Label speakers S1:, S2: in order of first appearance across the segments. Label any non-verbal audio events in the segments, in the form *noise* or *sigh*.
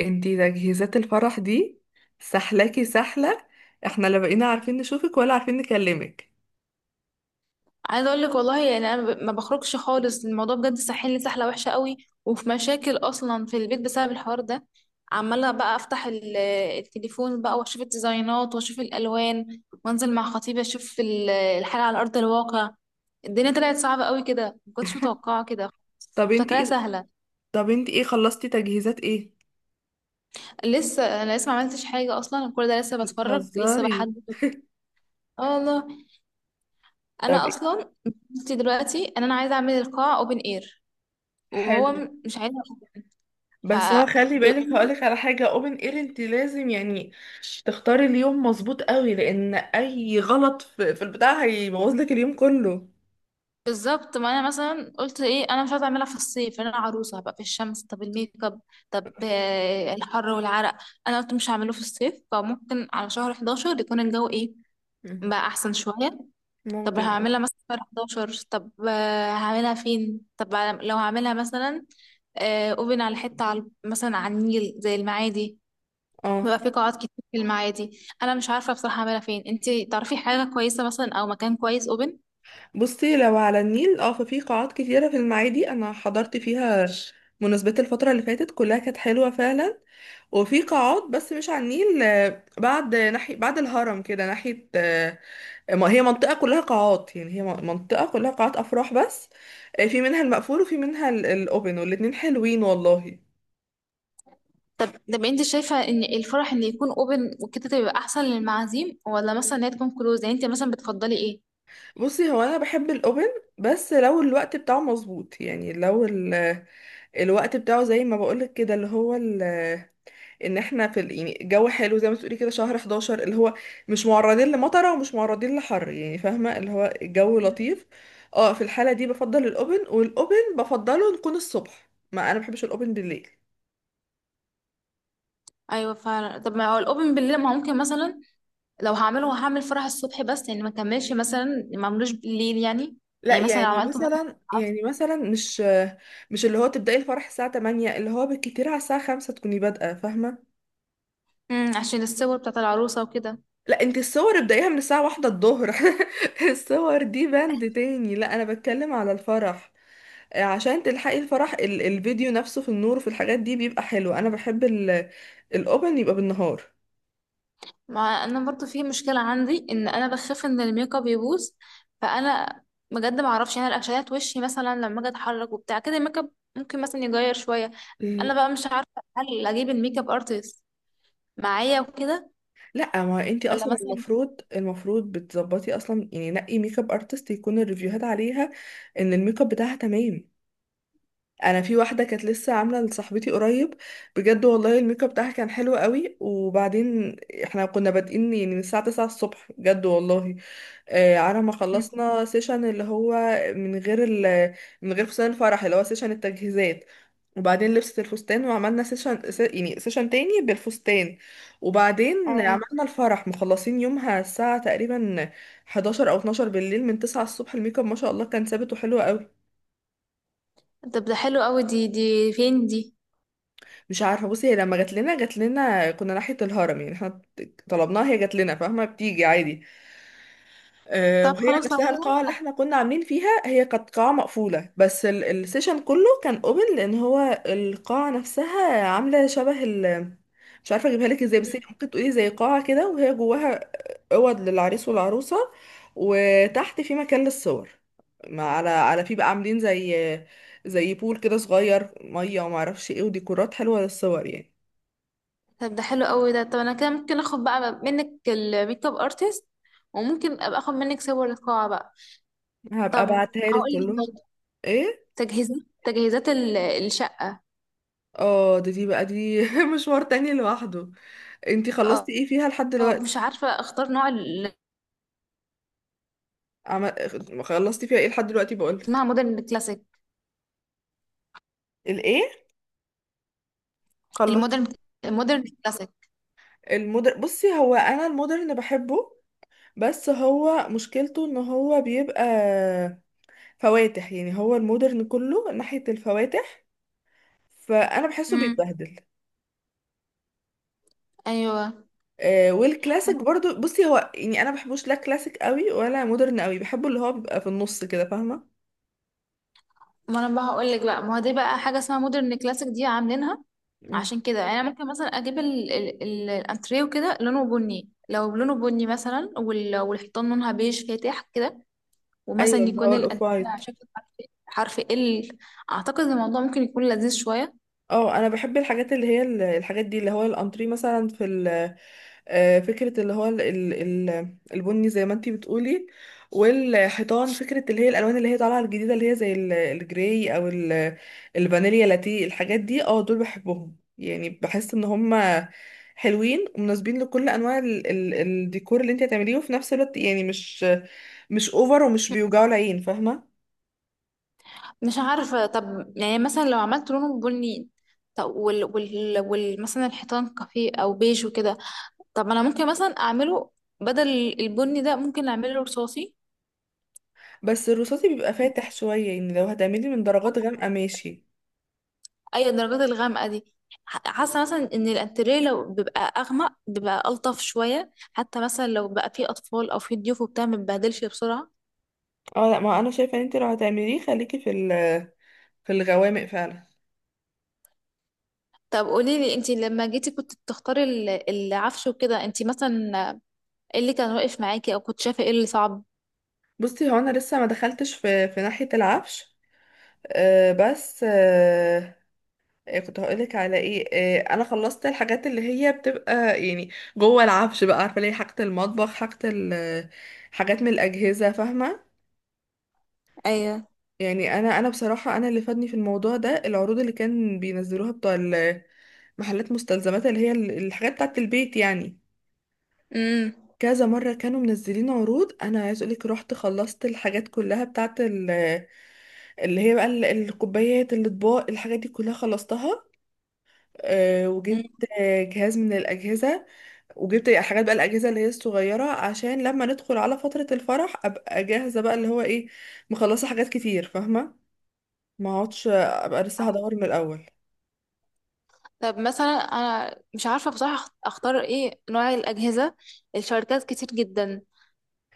S1: انتي تجهيزات الفرح دي سحلاكي سحلة. احنا لا بقينا عارفين نشوفك ولا عارفين نكلمك.
S2: عايزه اقول لك والله يعني انا ما بخرجش خالص. الموضوع بجد ساحلني سحله وحشه قوي، وفي مشاكل اصلا في البيت بسبب الحوار ده. عماله بقى افتح التليفون بقى، واشوف الديزاينات واشوف الالوان، وانزل مع خطيبي اشوف الحاجه على ارض الواقع. الدنيا طلعت صعبه قوي كده، ما كنتش متوقعه كده.
S1: طب
S2: كنت
S1: انتي
S2: فاكراها
S1: ايه؟
S2: سهله.
S1: طب انتي ايه خلصتي تجهيزات ايه؟
S2: لسه، انا لسه ما عملتش حاجه اصلا، كل ده لسه بتفرج، لسه
S1: بتهزري؟
S2: بحدد. اه والله.
S1: طب
S2: انا
S1: ايه،
S2: اصلا مشكلتي دلوقتي ان انا عايزه اعمل القاعه اوبن اير، وهو
S1: حلو.
S2: مش عايز. ف
S1: بس هو خلي بالك،
S2: بيقول-
S1: هقولك على حاجة. اوبن اير انتي لازم تختاري اليوم مظبوط قوي، لان اي غلط في البتاع هيبوظلك اليوم كله.
S2: بالظبط. ما انا مثلا قلت ايه، انا مش عايزه اعملها في الصيف لأن انا عروسه هبقى في الشمس، طب الميك اب، طب الحر والعرق. انا قلت مش هعمله في الصيف، فممكن على شهر 11 يكون الجو ايه
S1: مم.
S2: بقى احسن شويه. طب
S1: ممكن اه.
S2: هعملها مثلا في شهر 11. طب هعملها فين؟ طب لو هعملها مثلا اوبن على حته، على مثلا على النيل زي المعادي.
S1: اه،
S2: بيبقى في قاعات كتير في المعادي، انا مش عارفه بصراحه اعملها فين. انتي تعرفي حاجه كويسه مثلا او مكان كويس؟
S1: بصي، لو على النيل اه ففي قاعات كتيرة في المعادي، انا حضرت فيها مناسبات الفترة اللي فاتت كلها، كانت حلوة فعلا. وفي قاعات بس مش على النيل، آه، بعد ناحية بعد الهرم كده ناحية، آه، ما هي منطقة كلها قاعات، هي منطقة كلها قاعات أفراح بس. آه، في منها المقفول وفي منها الأوبن، والاتنين حلوين والله.
S2: طب. طب انت شايفة ان الفرح ان يكون اوبن وكده تبقى احسن للمعازيم، ولا مثلا ان هي تكون كلوز؟ يعني انت مثلا بتفضلي ايه؟
S1: بصي هو أنا بحب الأوبن، بس لو الوقت بتاعه مظبوط، يعني لو الوقت بتاعه زي ما بقولك كده، اللي هو ان احنا في يعني جو حلو زي ما تقولي كده، شهر 11 اللي هو مش معرضين لمطره ومش معرضين لحر، يعني فاهمه اللي هو الجو لطيف. اه، في الحاله دي بفضل الاوبن، والاوبن بفضله نكون الصبح، ما انا بحبش الاوبن بالليل.
S2: ايوه فعلا. طب ما هو الاوبن بالليل، ما ممكن مثلا لو هعمله هعمل فرح الصبح بس، يعني ما كملش مثلا ما عملوش بالليل يعني.
S1: لا
S2: يعني مثلا لو
S1: يعني
S2: عملته مثلا
S1: مثلا، يعني مثلا، مش اللي هو تبداي الفرح الساعه 8، اللي هو بالكتير على الساعه 5 تكوني بادئه، فاهمه.
S2: عشان الصور بتاعت العروسة وكده.
S1: لا، انت الصور ابدايها من الساعه 1 الظهر *laughs* الصور دي بند تاني، لا انا بتكلم على الفرح. عشان تلحقي الفرح الفيديو نفسه في النور وفي الحاجات دي بيبقى حلو. انا بحب الاوبن يبقى بالنهار.
S2: ما انا برضو في مشكله عندي ان انا بخاف ان الميك اب يبوظ. فانا بجد ما اعرفش يعني الاكشنات وشي مثلا، لما اجي اتحرك وبتاع كده الميك اب ممكن مثلا يغير شويه.
S1: مم.
S2: انا بقى مش عارفه هل اجيب الميك اب ارتست معايا وكده
S1: لا، ما انتي
S2: ولا
S1: اصلا
S2: مثلا.
S1: المفروض، بتظبطي اصلا يعني، نقي ميك اب ارتست يكون الريفيوهات عليها ان الميك اب بتاعها تمام. انا في واحده كانت لسه عامله لصاحبتي قريب، بجد والله الميك اب بتاعها كان حلو قوي. وبعدين احنا كنا بادئين يعني من الساعه 9 الصبح، بجد والله، آه، على ما خلصنا سيشن اللي هو من غير ال من غير فستان الفرح، اللي هو سيشن التجهيزات. وبعدين لبسة الفستان وعملنا يعني سيشن تاني بالفستان. وبعدين
S2: آه.
S1: عملنا الفرح، مخلصين يومها الساعة تقريبا 11 او 12 بالليل، من 9 الصبح الميك اب ما شاء الله كان ثابت وحلو قوي.
S2: طب ده حلو قوي، دي فين دي؟
S1: مش عارفة، بصي هي لما جات لنا، كنا ناحية الهرم، يعني احنا طلبناها هي جات لنا، فاهمة بتيجي عادي. آه،
S2: طب
S1: وهي
S2: خلاص لو
S1: نفسها القاعة اللي
S2: كده.
S1: احنا كنا عاملين فيها هي كانت قاعة مقفولة، بس السيشن كله كان اوبن، لان هو القاعة نفسها عاملة شبه ال. مش عارفة اجيبها لك ازاي،
S2: مم.
S1: بس هي ممكن تقولي زي قاعة كده، وهي جواها اوض للعريس والعروسة، وتحت في مكان للصور. ما على على في بقى عاملين زي زي بول كده صغير مية، وما اعرفش ايه، وديكورات حلوة للصور يعني.
S2: طب ده حلو قوي ده. طب انا كده ممكن اخد بقى منك الميك اب ارتست، وممكن ابقى اخد منك صور القاعه بقى.
S1: هبقى
S2: طب
S1: ابعتها لك
S2: هقول
S1: كلهم.
S2: لك
S1: ايه؟
S2: تجهيزات، الشقة.
S1: اه، ده دي بقى دي *laughs* مشوار تاني لوحده. انتي خلصتي
S2: اه
S1: ايه فيها لحد
S2: مش
S1: دلوقتي؟
S2: عارفة اختار نوع اللي
S1: عم... خلصتي فيها ايه لحد دلوقتي
S2: اسمها
S1: بقولك.
S2: مودرن كلاسيك.
S1: الايه؟ خلصت
S2: المودرن المودرن كلاسيك.
S1: بصي هو انا المودرن بحبه، بس هو مشكلته ان هو بيبقى فواتح، يعني هو المودرن كله ناحية الفواتح، فانا بحسه
S2: امم.
S1: بيتبهدل.
S2: ايوه.
S1: آه،
S2: ما
S1: والكلاسيك
S2: انا
S1: برضو، بصي هو يعني انا بحبوش لا كلاسيك قوي ولا مودرن قوي، بحبه اللي هو بيبقى في النص كده، فاهمة.
S2: ما أنا بقى هقول لك بقى ما هو دي بقى حاجة اسمها مودرن كلاسيك دي عاملينها.
S1: مم.
S2: عشان كده يعني انا ممكن مثلا اجيب الانتريه وكده لونه بني، لو لونه بني مثلا والحيطان لونها بيج فاتح كده. ومثلا
S1: ايوه اللي
S2: يكون
S1: هو الاوف
S2: الانتريه
S1: وايت.
S2: على شكل حرف، حرف. اعتقد الموضوع ممكن يكون لذيذ شوية.
S1: اه انا بحب الحاجات اللي هي الحاجات دي، اللي هو الانتري مثلا في آه، فكرة اللي هو البني زي ما انتي بتقولي، والحيطان فكرة اللي هي الالوان اللي هي طالعة الجديدة، اللي هي زي الجراي او الفانيليا لاتيه، الحاجات دي اه، دول بحبهم يعني، بحس ان هما حلوين ومناسبين لكل انواع ال ال الديكور اللي انتي هتعمليه، وفي نفس الوقت يعني مش اوفر ومش بيوجعوا العين، فاهمة.
S2: مش عارفة، طب يعني مثلا لو عملت لونه بني، طب وال مثلا الحيطان كافيه أو بيج وكده. طب ما أنا ممكن مثلا أعمله بدل البني ده ممكن أعمله رصاصي.
S1: بس الرصاصي بيبقى فاتح شوية، يعني لو هتعملي من درجات غامقة ماشي.
S2: أي الدرجات الغامقة دي؟ حاسة مثلا إن الأنتريه لو بيبقى أغمق بيبقى ألطف شوية، حتى مثلا لو بقى فيه أطفال أو فيه ضيوف وبتاع متبهدلش بسرعة.
S1: اه لا، ما انا شايفه ان انت لو هتعمليه خليكي في في الغوامق فعلا.
S2: طب قوليلي انتي لما جيتي كنت بتختاري العفش وكده، انتي مثلا ايه اللي كان واقف معاكي، او كنت شايفة ايه اللي صعب؟
S1: بصي هو انا لسه ما دخلتش في ناحيه العفش. أه بس أه، إيه كنت هقولك على ايه، أه انا خلصت الحاجات اللي هي بتبقى يعني جوه العفش بقى، عارفه ليه، حاجه المطبخ، حاجه حاجات من الاجهزه، فاهمه.
S2: ايوه.
S1: يعني انا بصراحه انا اللي فادني في الموضوع ده العروض اللي كان بينزلوها بتوع محلات مستلزمات اللي هي الحاجات بتاعه البيت يعني.
S2: امم.
S1: كذا مرة كانوا منزلين عروض، أنا عايز أقولك رحت خلصت الحاجات كلها بتاعت اللي هي بقى الكوبايات، الأطباق، الحاجات دي كلها خلصتها. آه، وجبت آه، جهاز من الأجهزة، وجبت حاجات بقى الأجهزة اللي هي الصغيرة، عشان لما ندخل على فترة الفرح أبقى جاهزة بقى، اللي هو إيه، مخلصة حاجات كتير فاهمة. ما اقعدش أبقى لسه هدور من الأول.
S2: طب مثلا انا مش عارفه بصراحه اختار ايه نوع الاجهزه، الشركات كتير جدا.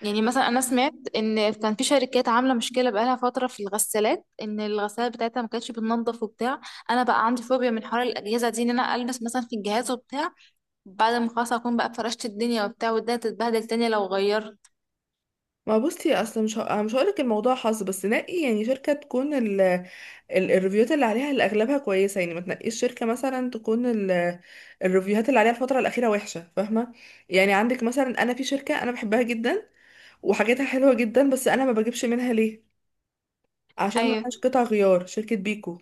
S2: يعني مثلا انا سمعت ان كان في شركات عامله مشكله بقالها فتره في الغسالات، ان الغسالات بتاعتها ما كانتش بتنضف وبتاع. انا بقى عندي فوبيا من حوار الاجهزه دي، ان انا البس مثلا في الجهاز وبتاع بعد ما خلاص اكون بقى فرشت الدنيا وبتاع، والدنيا تتبهدل تاني لو غيرت.
S1: ما بصي اصل مش ه... أنا مش هقولك الموضوع حظ، بس نقي يعني شركة تكون الريفيوهات اللي عليها اللي اغلبها كويسه، يعني ما تنقيش شركه مثلا تكون الريفيوهات اللي عليها الفتره الاخيره وحشه، فاهمه. يعني عندك مثلا، انا في شركه انا بحبها جدا وحاجاتها حلوه جدا، بس انا ما بجيبش منها ليه؟ عشان ما
S2: ايوه.
S1: فيهاش قطع غيار، شركه بيكو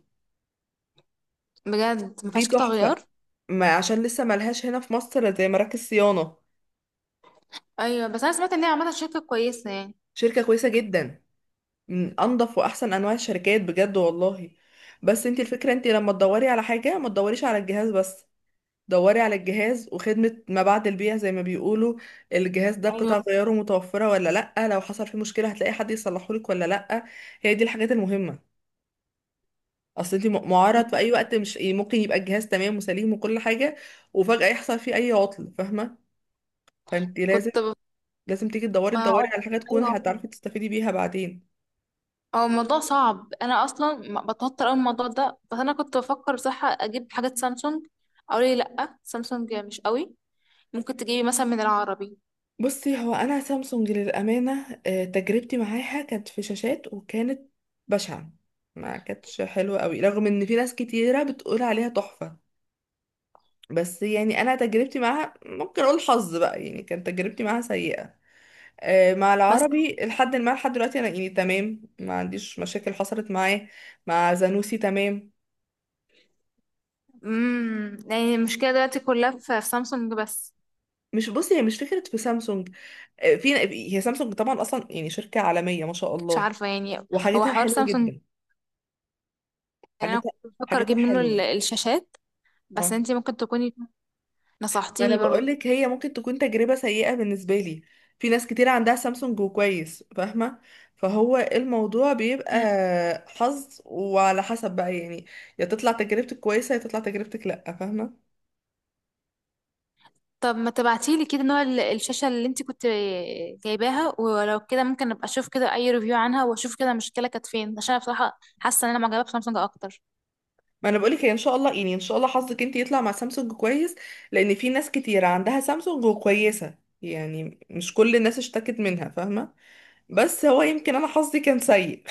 S2: بجد ما
S1: دي
S2: فيهاش قطع
S1: تحفه،
S2: غيار؟
S1: ما عشان لسه ما لهاش هنا في مصر زي مراكز صيانه.
S2: ايوه بس انا سمعت ان هي عامله شركه كويسه يعني.
S1: شركه كويسه جدا، من انضف واحسن انواع الشركات بجد والله. بس انت الفكره، انت لما تدوري على حاجه ما تدوريش على الجهاز بس، دوري على الجهاز وخدمة ما بعد البيع زي ما بيقولوا. الجهاز ده قطع
S2: ايوه.
S1: غياره متوفرة ولا لأ؟ لو حصل فيه مشكلة هتلاقي حد يصلحهولك ولا لأ؟ هي دي الحاجات المهمة. اصل انت معرض في اي وقت، مش ممكن يبقى الجهاز تمام وسليم وكل حاجة وفجأة يحصل فيه اي عطل، فاهمة. فانت لازم،
S2: كنت ب...
S1: لازم تيجي تدوري،
S2: ما هقول.
S1: على حاجة تكون
S2: ايوه.
S1: هتعرفي تستفيدي بيها بعدين.
S2: هو الموضوع صعب، انا اصلا بتوتر قوي من الموضوع ده. بس انا كنت بفكر بصراحه اجيب حاجات سامسونج، او ليه لا. سامسونج مش قوي، ممكن تجيبي مثلا من العربي
S1: بصي هو انا سامسونج للامانه، آه، تجربتي معاها كانت في شاشات وكانت بشعه، ما كانتش حلوه قوي، رغم ان في ناس كتيره بتقول عليها تحفه، بس يعني انا تجربتي معاها ممكن اقول حظ بقى، يعني كانت تجربتي معاها سيئه. آه، مع
S2: مثلا.
S1: العربي لحد ما لحد دلوقتي انا يعني تمام، ما عنديش مشاكل حصلت معاه. مع زانوسي تمام.
S2: امم. يعني المشكله دلوقتي كلها في سامسونج بس؟
S1: مش بصي، هي مش فكره في سامسونج، آه، في، هي سامسونج طبعا اصلا يعني شركه عالميه ما شاء
S2: مش
S1: الله
S2: عارفه يعني. هو
S1: وحاجتها
S2: حوار
S1: حلوه
S2: سامسونج،
S1: جدا.
S2: يعني انا
S1: حاجتها
S2: كنت بفكر
S1: حاجتها
S2: اجيب منه
S1: حلوة.
S2: الشاشات. بس
S1: اه،
S2: انتي ممكن تكوني
S1: ما انا
S2: نصحتيني برضو.
S1: بقولك هي ممكن تكون تجربة سيئة بالنسبة لي، في ناس كتير عندها سامسونج وكويس، فاهمة. فهو الموضوع بيبقى حظ وعلى حسب بقى يعني، يا تطلع تجربتك كويسة يا تطلع تجربتك لأ، فاهمة.
S2: طب ما تبعتيلي كده نوع الشاشة اللي انت كنت جايباها، ولو كده ممكن ابقى اشوف كده اي ريفيو عنها، واشوف كده المشكلة كانت فين، عشان انا بصراحة حاسة ان انا معجبة بسامسونج اكتر.
S1: ما انا بقولك هي ان شاء الله، يعني ان شاء الله حظك انت يطلع مع سامسونج كويس، لان في ناس كتير عندها سامسونج وكويسة، يعني مش كل الناس اشتكت منها، فاهمة. بس هو يمكن انا حظي كان سيء.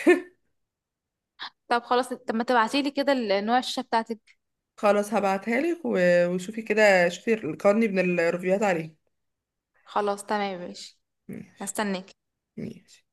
S2: طب خلاص. طب ما تبعتيلي كده نوع الشاشة بتاعتك.
S1: خلاص هبعتها لك، وشوفي كده، شوفي القرني من الريفيوهات عليه.
S2: خلاص تمام ماشي.
S1: ماشي.
S2: هستناك.
S1: ماشي.